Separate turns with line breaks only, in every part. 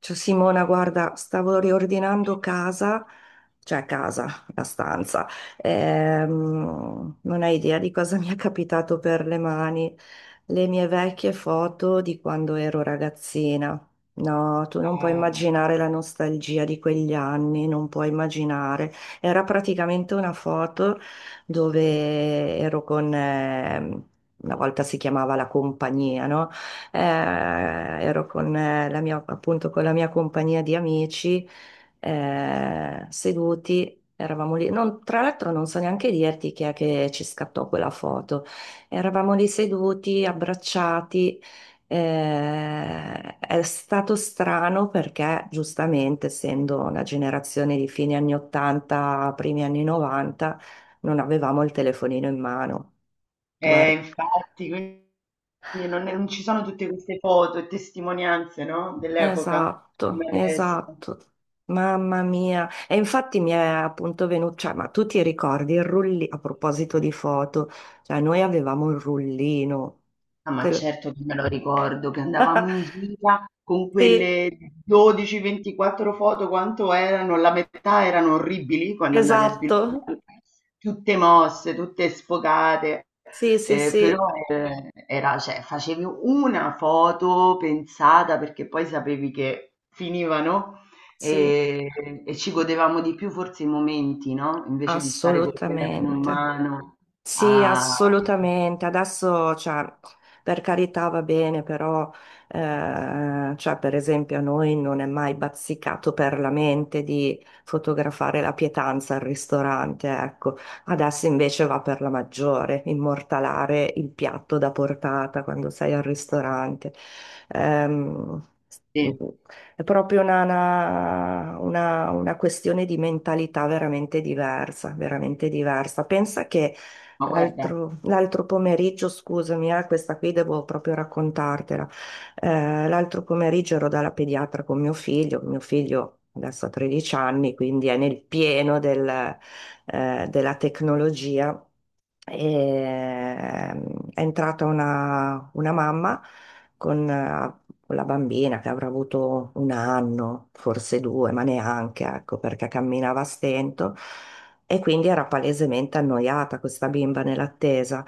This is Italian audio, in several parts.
Ciao Simona, guarda, stavo riordinando casa, cioè casa, la stanza. Non hai idea di cosa mi è capitato per le mani, le mie vecchie foto di quando ero ragazzina. No, tu non puoi
Eh,
immaginare la nostalgia di quegli anni, non puoi immaginare. Era praticamente una foto dove ero con, una volta si chiamava la compagnia, no? eh, ero con la mia, appunto, con la mia compagnia di amici, seduti. Eravamo lì, tra l'altro non so neanche dirti chi è che ci scattò quella foto. Eravamo lì seduti, abbracciati. È stato strano perché, giustamente, essendo una generazione di fine anni 80, primi anni 90, non avevamo il telefonino in mano.
eh,
Guarda.
infatti, quindi non ci sono tutte queste foto e testimonianze, no? Dell'epoca,
Esatto,
come adesso.
esatto. Mamma mia. E infatti mi è appunto venuto, cioè, ma tu ti ricordi il rullino, a proposito di foto, cioè noi avevamo il rullino.
Ah, ma
Te lo-
certo che me lo ricordo che andavamo in gira con
Sì,
quelle 12-24 foto, quanto erano? La metà erano orribili quando andavi a
esatto.
sviluppare, tutte mosse, tutte sfocate,
Sì, sì,
però
sì,
era, cioè, facevi una foto pensata perché poi sapevi che finivano
sì,
e, e ci godevamo di più forse i momenti, no? Invece di stare col telefono in
assolutamente.
mano
Sì,
a...
assolutamente. Adesso, cioè, per carità va bene, però, cioè, per esempio, a noi non è mai bazzicato per la mente di fotografare la pietanza al ristorante, ecco. Adesso invece va per la maggiore, immortalare il piatto da portata quando sei al ristorante. Ehm,
Sì,
è proprio una questione di mentalità veramente diversa, veramente diversa. Pensa che
ma guarda.
L'altro pomeriggio, scusami, questa qui devo proprio raccontartela. L'altro pomeriggio ero dalla pediatra con mio figlio adesso ha 13 anni, quindi è nel pieno del, della tecnologia. E, ehm, è entrata una mamma con, eh, con la bambina che avrà avuto un anno, forse due, ma neanche, ecco, perché camminava a stento. E quindi era palesemente annoiata questa bimba nell'attesa.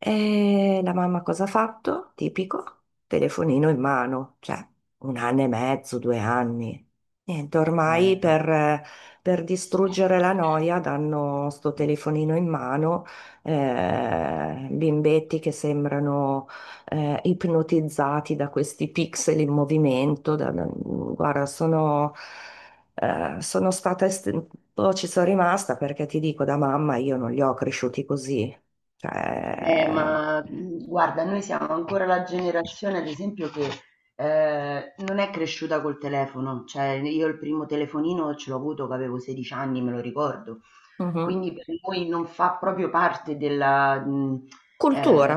E la mamma cosa ha fatto? Tipico, telefonino in mano, cioè un anno e mezzo, due anni. Niente,
Eh,
per distruggere la noia danno sto telefonino in mano, bimbetti che sembrano ipnotizzati da questi pixel in movimento. Guarda, sono. Sono stata, un po' ci sono rimasta perché ti dico, da mamma io non li ho cresciuti così.
eh,
Cioè,
ma mh, guarda, noi siamo ancora la generazione, ad esempio, che non è cresciuta col telefono. Cioè, io il primo telefonino ce l'ho avuto che avevo 16 anni, me lo ricordo.
mhm.
Quindi per noi non fa proprio parte della ehm
Cultura,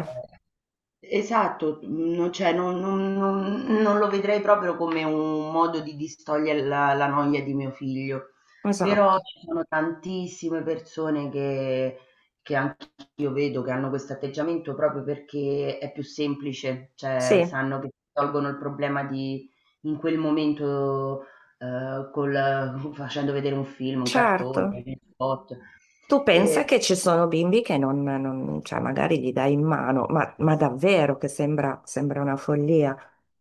esatto, non cioè non lo vedrei proprio come un modo di distogliere la noia di mio figlio. Però
esatto.
ci sono tantissime persone che anch'io vedo che hanno questo atteggiamento proprio perché è più semplice, cioè
Sì,
sanno che tolgono il problema di in quel momento col facendo vedere un film, un cartone,
certo.
gli spot.
Tu pensa
E
che ci sono bimbi che cioè magari gli dai in mano, ma davvero che sembra, sembra una follia,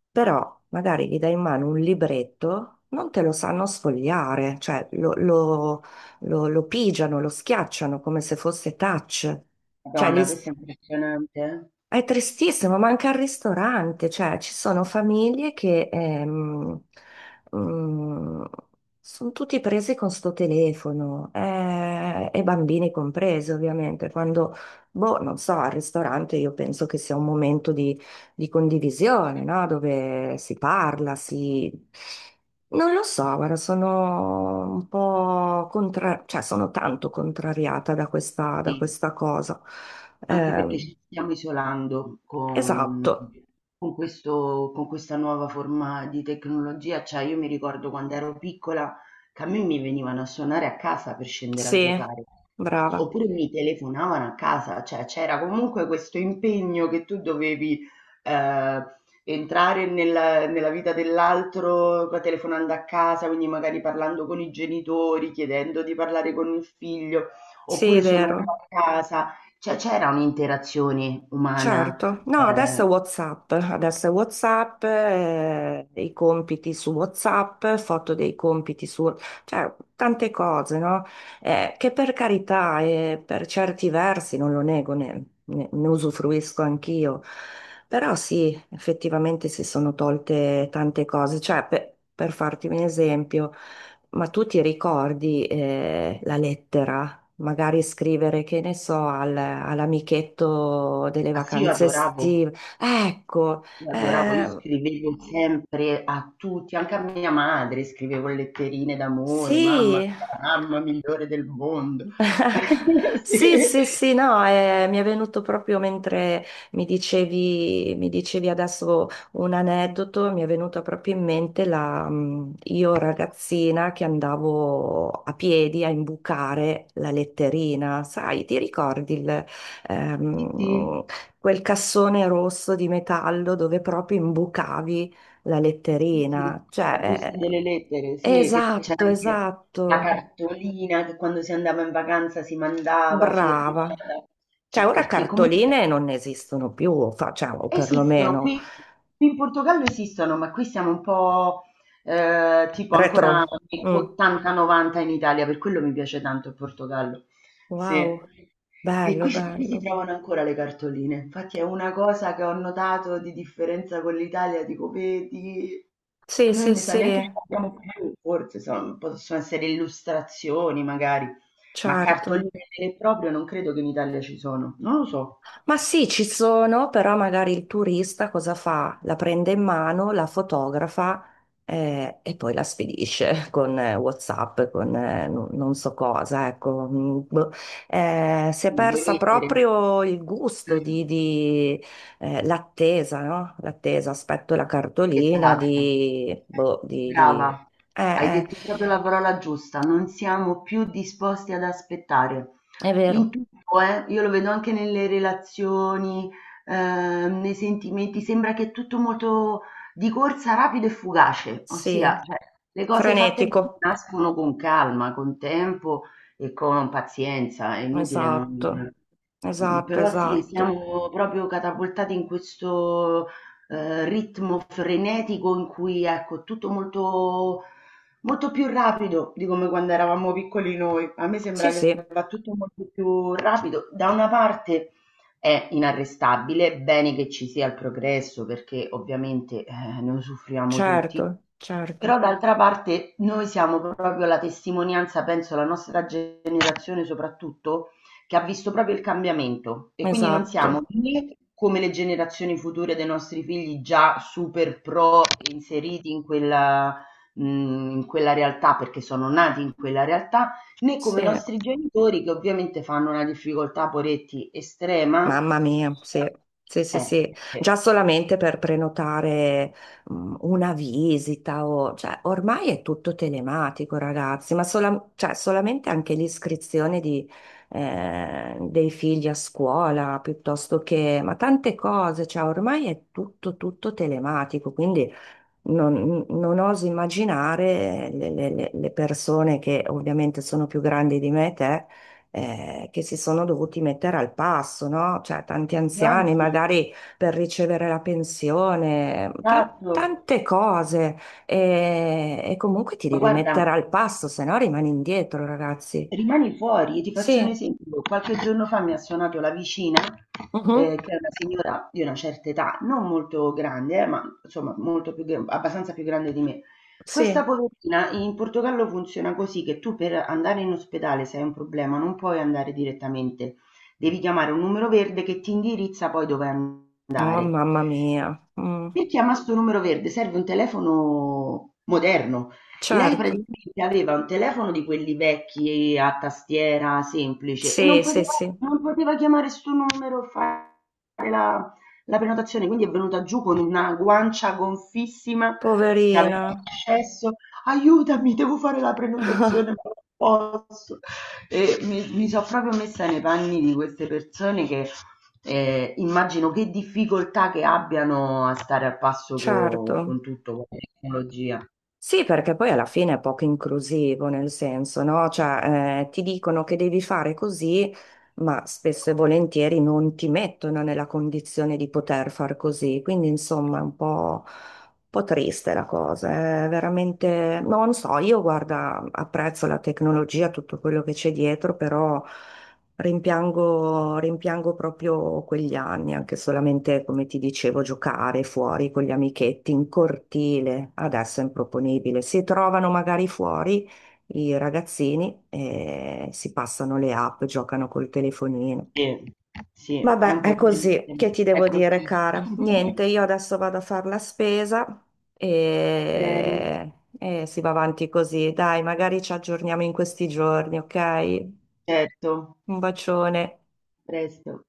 però magari gli dai in mano un libretto, non te lo sanno sfogliare, cioè lo pigiano, lo schiacciano come se fosse touch. Cioè,
madonna, questo è impressionante. Eh.
è tristissimo, manca il ristorante, cioè ci sono famiglie che mm, sono tutti presi con sto telefono e bambini compresi ovviamente. Quando, boh, non so, al ristorante io penso che sia un momento di condivisione, no? Dove si parla, si... Non lo so, guarda, sono un po' contra... cioè sono tanto contrariata da
Sì.
questa cosa.
Anche perché
Ehm,
ci stiamo isolando con
Esatto,
con questo con questa nuova forma di tecnologia, cioè io mi ricordo quando ero piccola che a me mi venivano a suonare a casa per scendere a
sì,
giocare,
brava,
oppure mi telefonavano a casa, cioè c'era comunque questo impegno che tu dovevi eh, entrare nella vita dell'altro telefonando a casa, quindi magari parlando con i genitori, chiedendo di parlare con il figlio,
sì,
oppure suonando
vero,
a casa. Cioè c'era un'interazione umana.
certo. No,
ehm
Adesso è WhatsApp, i compiti su WhatsApp, foto dei compiti su, cioè tante cose, no? Che per carità e per certi versi, non lo nego, ne usufruisco anch'io, però sì, effettivamente si sono tolte tante cose, per farti un esempio. Ma tu ti ricordi la lettera? Magari scrivere, che ne so, all'amichetto delle
ah sì, io
vacanze
adoravo,
estive. Ecco,
io
eh,
scrivevo sempre a tutti, anche a mia madre scrivevo letterine d'amore, mamma
sì.
tu sei la mamma migliore del mondo.
Sì, sì, sì, no, mi è venuto proprio mentre mi dicevi adesso un aneddoto, mi è venuta proprio in mente la, io ragazzina che andavo a piedi a imbucare la letterina, sai, ti ricordi il,
Sì, sì,
ehm,
sì,
quel cassone rosso di metallo dove proprio imbucavi la
sì, sì,
letterina?
la busta
Cioè,
delle lettere, sì, che c'era
esatto,
anche la
esatto,
cartolina che quando si andava in vacanza si mandava
brava.
firmata,
Cioè, ora
perché comunque
cartoline non esistono più, facciamo
esistono
perlomeno.
qui in Portogallo esistono, ma qui siamo un po', tipo ancora
Retro.
anni
Mm.
80, 90 in Italia, per quello mi piace tanto il Portogallo. Sì.
Wow,
E
bello,
qui si
bello.
trovano ancora le cartoline. Infatti è una cosa che ho notato di differenza con l'Italia, dico: "Vedi,
Sì,
noi
sì,
mi sa
sì,
neanche ce l'abbiamo più, forse son possono essere illustrazioni magari, ma cartoline
certo.
vere e proprie non credo che in Italia ci sono, non lo so".
Ma sì, ci sono, però magari il turista cosa fa? La prende in mano, la fotografa e poi la spedisce con WhatsApp, con non non so cosa, ecco. Mm, boh. Si è
Nelle
persa
lettere.
proprio il gusto
Mh.
di, l'attesa, no? L'attesa, aspetto la cartolina
Esatto.
di... Boh, di...
Brava. Hai
Eh,
detto proprio la parola giusta, non siamo più disposti ad aspettare.
è
In
vero,
tutto, io lo vedo anche nelle relazioni, nei sentimenti, sembra che è tutto molto di corsa, rapido e fugace,
sì.
ossia, cioè, le cose fatte bene
Frenetico,
nascono con calma, con tempo e con pazienza, è inutile non...
esatto, esatto,
Però sì,
esatto.
siamo proprio catapultati in questo ritmo frenetico in cui, ecco, è tutto molto molto più rapido di come quando eravamo piccoli noi. A me
Sì,
sembra che
sì,
va tutto molto più rapido. Da una parte è inarrestabile, bene che ci sia il progresso perché ovviamente ne usufruiamo tutti,
certo,
però
certo,
d'altra parte noi siamo proprio la testimonianza, penso, la nostra generazione soprattutto, che ha visto proprio il cambiamento e quindi non siamo
esatto,
né come le generazioni future dei nostri figli già super pro inseriti mh, in quella realtà perché sono nati in quella realtà, né come i
sì,
nostri genitori che ovviamente fanno una difficoltà, poretti, estrema.
mamma mia, sì, sì, sì,
Eh,
sì,
eh.
già solamente per prenotare mm, una visita o, cioè, ormai è tutto telematico, ragazzi, ma cioè, solamente anche l'iscrizione di, dei figli a scuola, piuttosto che, ma tante cose, cioè, ormai è tutto, tutto telematico, quindi... Non, non oso immaginare le, le persone che ovviamente sono più grandi di me e te, che si sono dovuti mettere al passo, no? Cioè, tanti anziani
Anzi,
magari per ricevere la pensione,
esatto.
tante cose. E comunque ti
Ma
devi mettere
guarda,
al passo, se no rimani indietro, ragazzi.
rimani fuori e ti faccio un
Sì,
esempio. Qualche giorno fa mi ha suonato la vicina,
mhm,
che è una signora di una certa età, non molto grande ma insomma molto più gr abbastanza più grande di me.
sì.
Questa poverina in Portogallo funziona così che tu per andare in ospedale se hai un problema non puoi andare direttamente, devi chiamare un numero verde che ti indirizza poi dove
Oh,
andare.
mamma mia. Mm,
E chiama sto numero verde, serve un telefono moderno. Lei
certo.
praticamente aveva un telefono di quelli vecchi a tastiera semplice e non
Sì,
poteva,
sì, sì.
non poteva chiamare sto numero e fare la, la prenotazione, quindi è venuta giù con una guancia gonfissima che aveva
Poverina.
accesso. Aiutami, devo fare la prenotazione, ma non posso. E mi sono proprio messa nei panni di queste persone che immagino che difficoltà che abbiano a stare al passo co con
Certo,
tutto, con la tecnologia.
sì, perché poi alla fine è poco inclusivo, nel senso, no? Cioè, ti dicono che devi fare così, ma spesso e volentieri non ti mettono nella condizione di poter far così. Quindi, insomma, è un po' triste la cosa. Eh, è veramente, non so, io guarda, apprezzo la tecnologia, tutto quello che c'è dietro, però. Rimpiango, rimpiango proprio quegli anni, anche solamente, come ti dicevo, giocare fuori con gli amichetti in cortile. Adesso è improponibile. Si trovano magari fuori i ragazzini e si passano le app, giocano col telefonino.
Sì, sì, è
Vabbè,
un po'
è
triste,
così.
ma
Che ti
è
devo dire,
così.
cara? Niente, io adesso vado a fare la spesa
Bene,
e, e si va avanti così. Dai, magari ci aggiorniamo in questi giorni, ok?
certo,
Un bacione.
presto.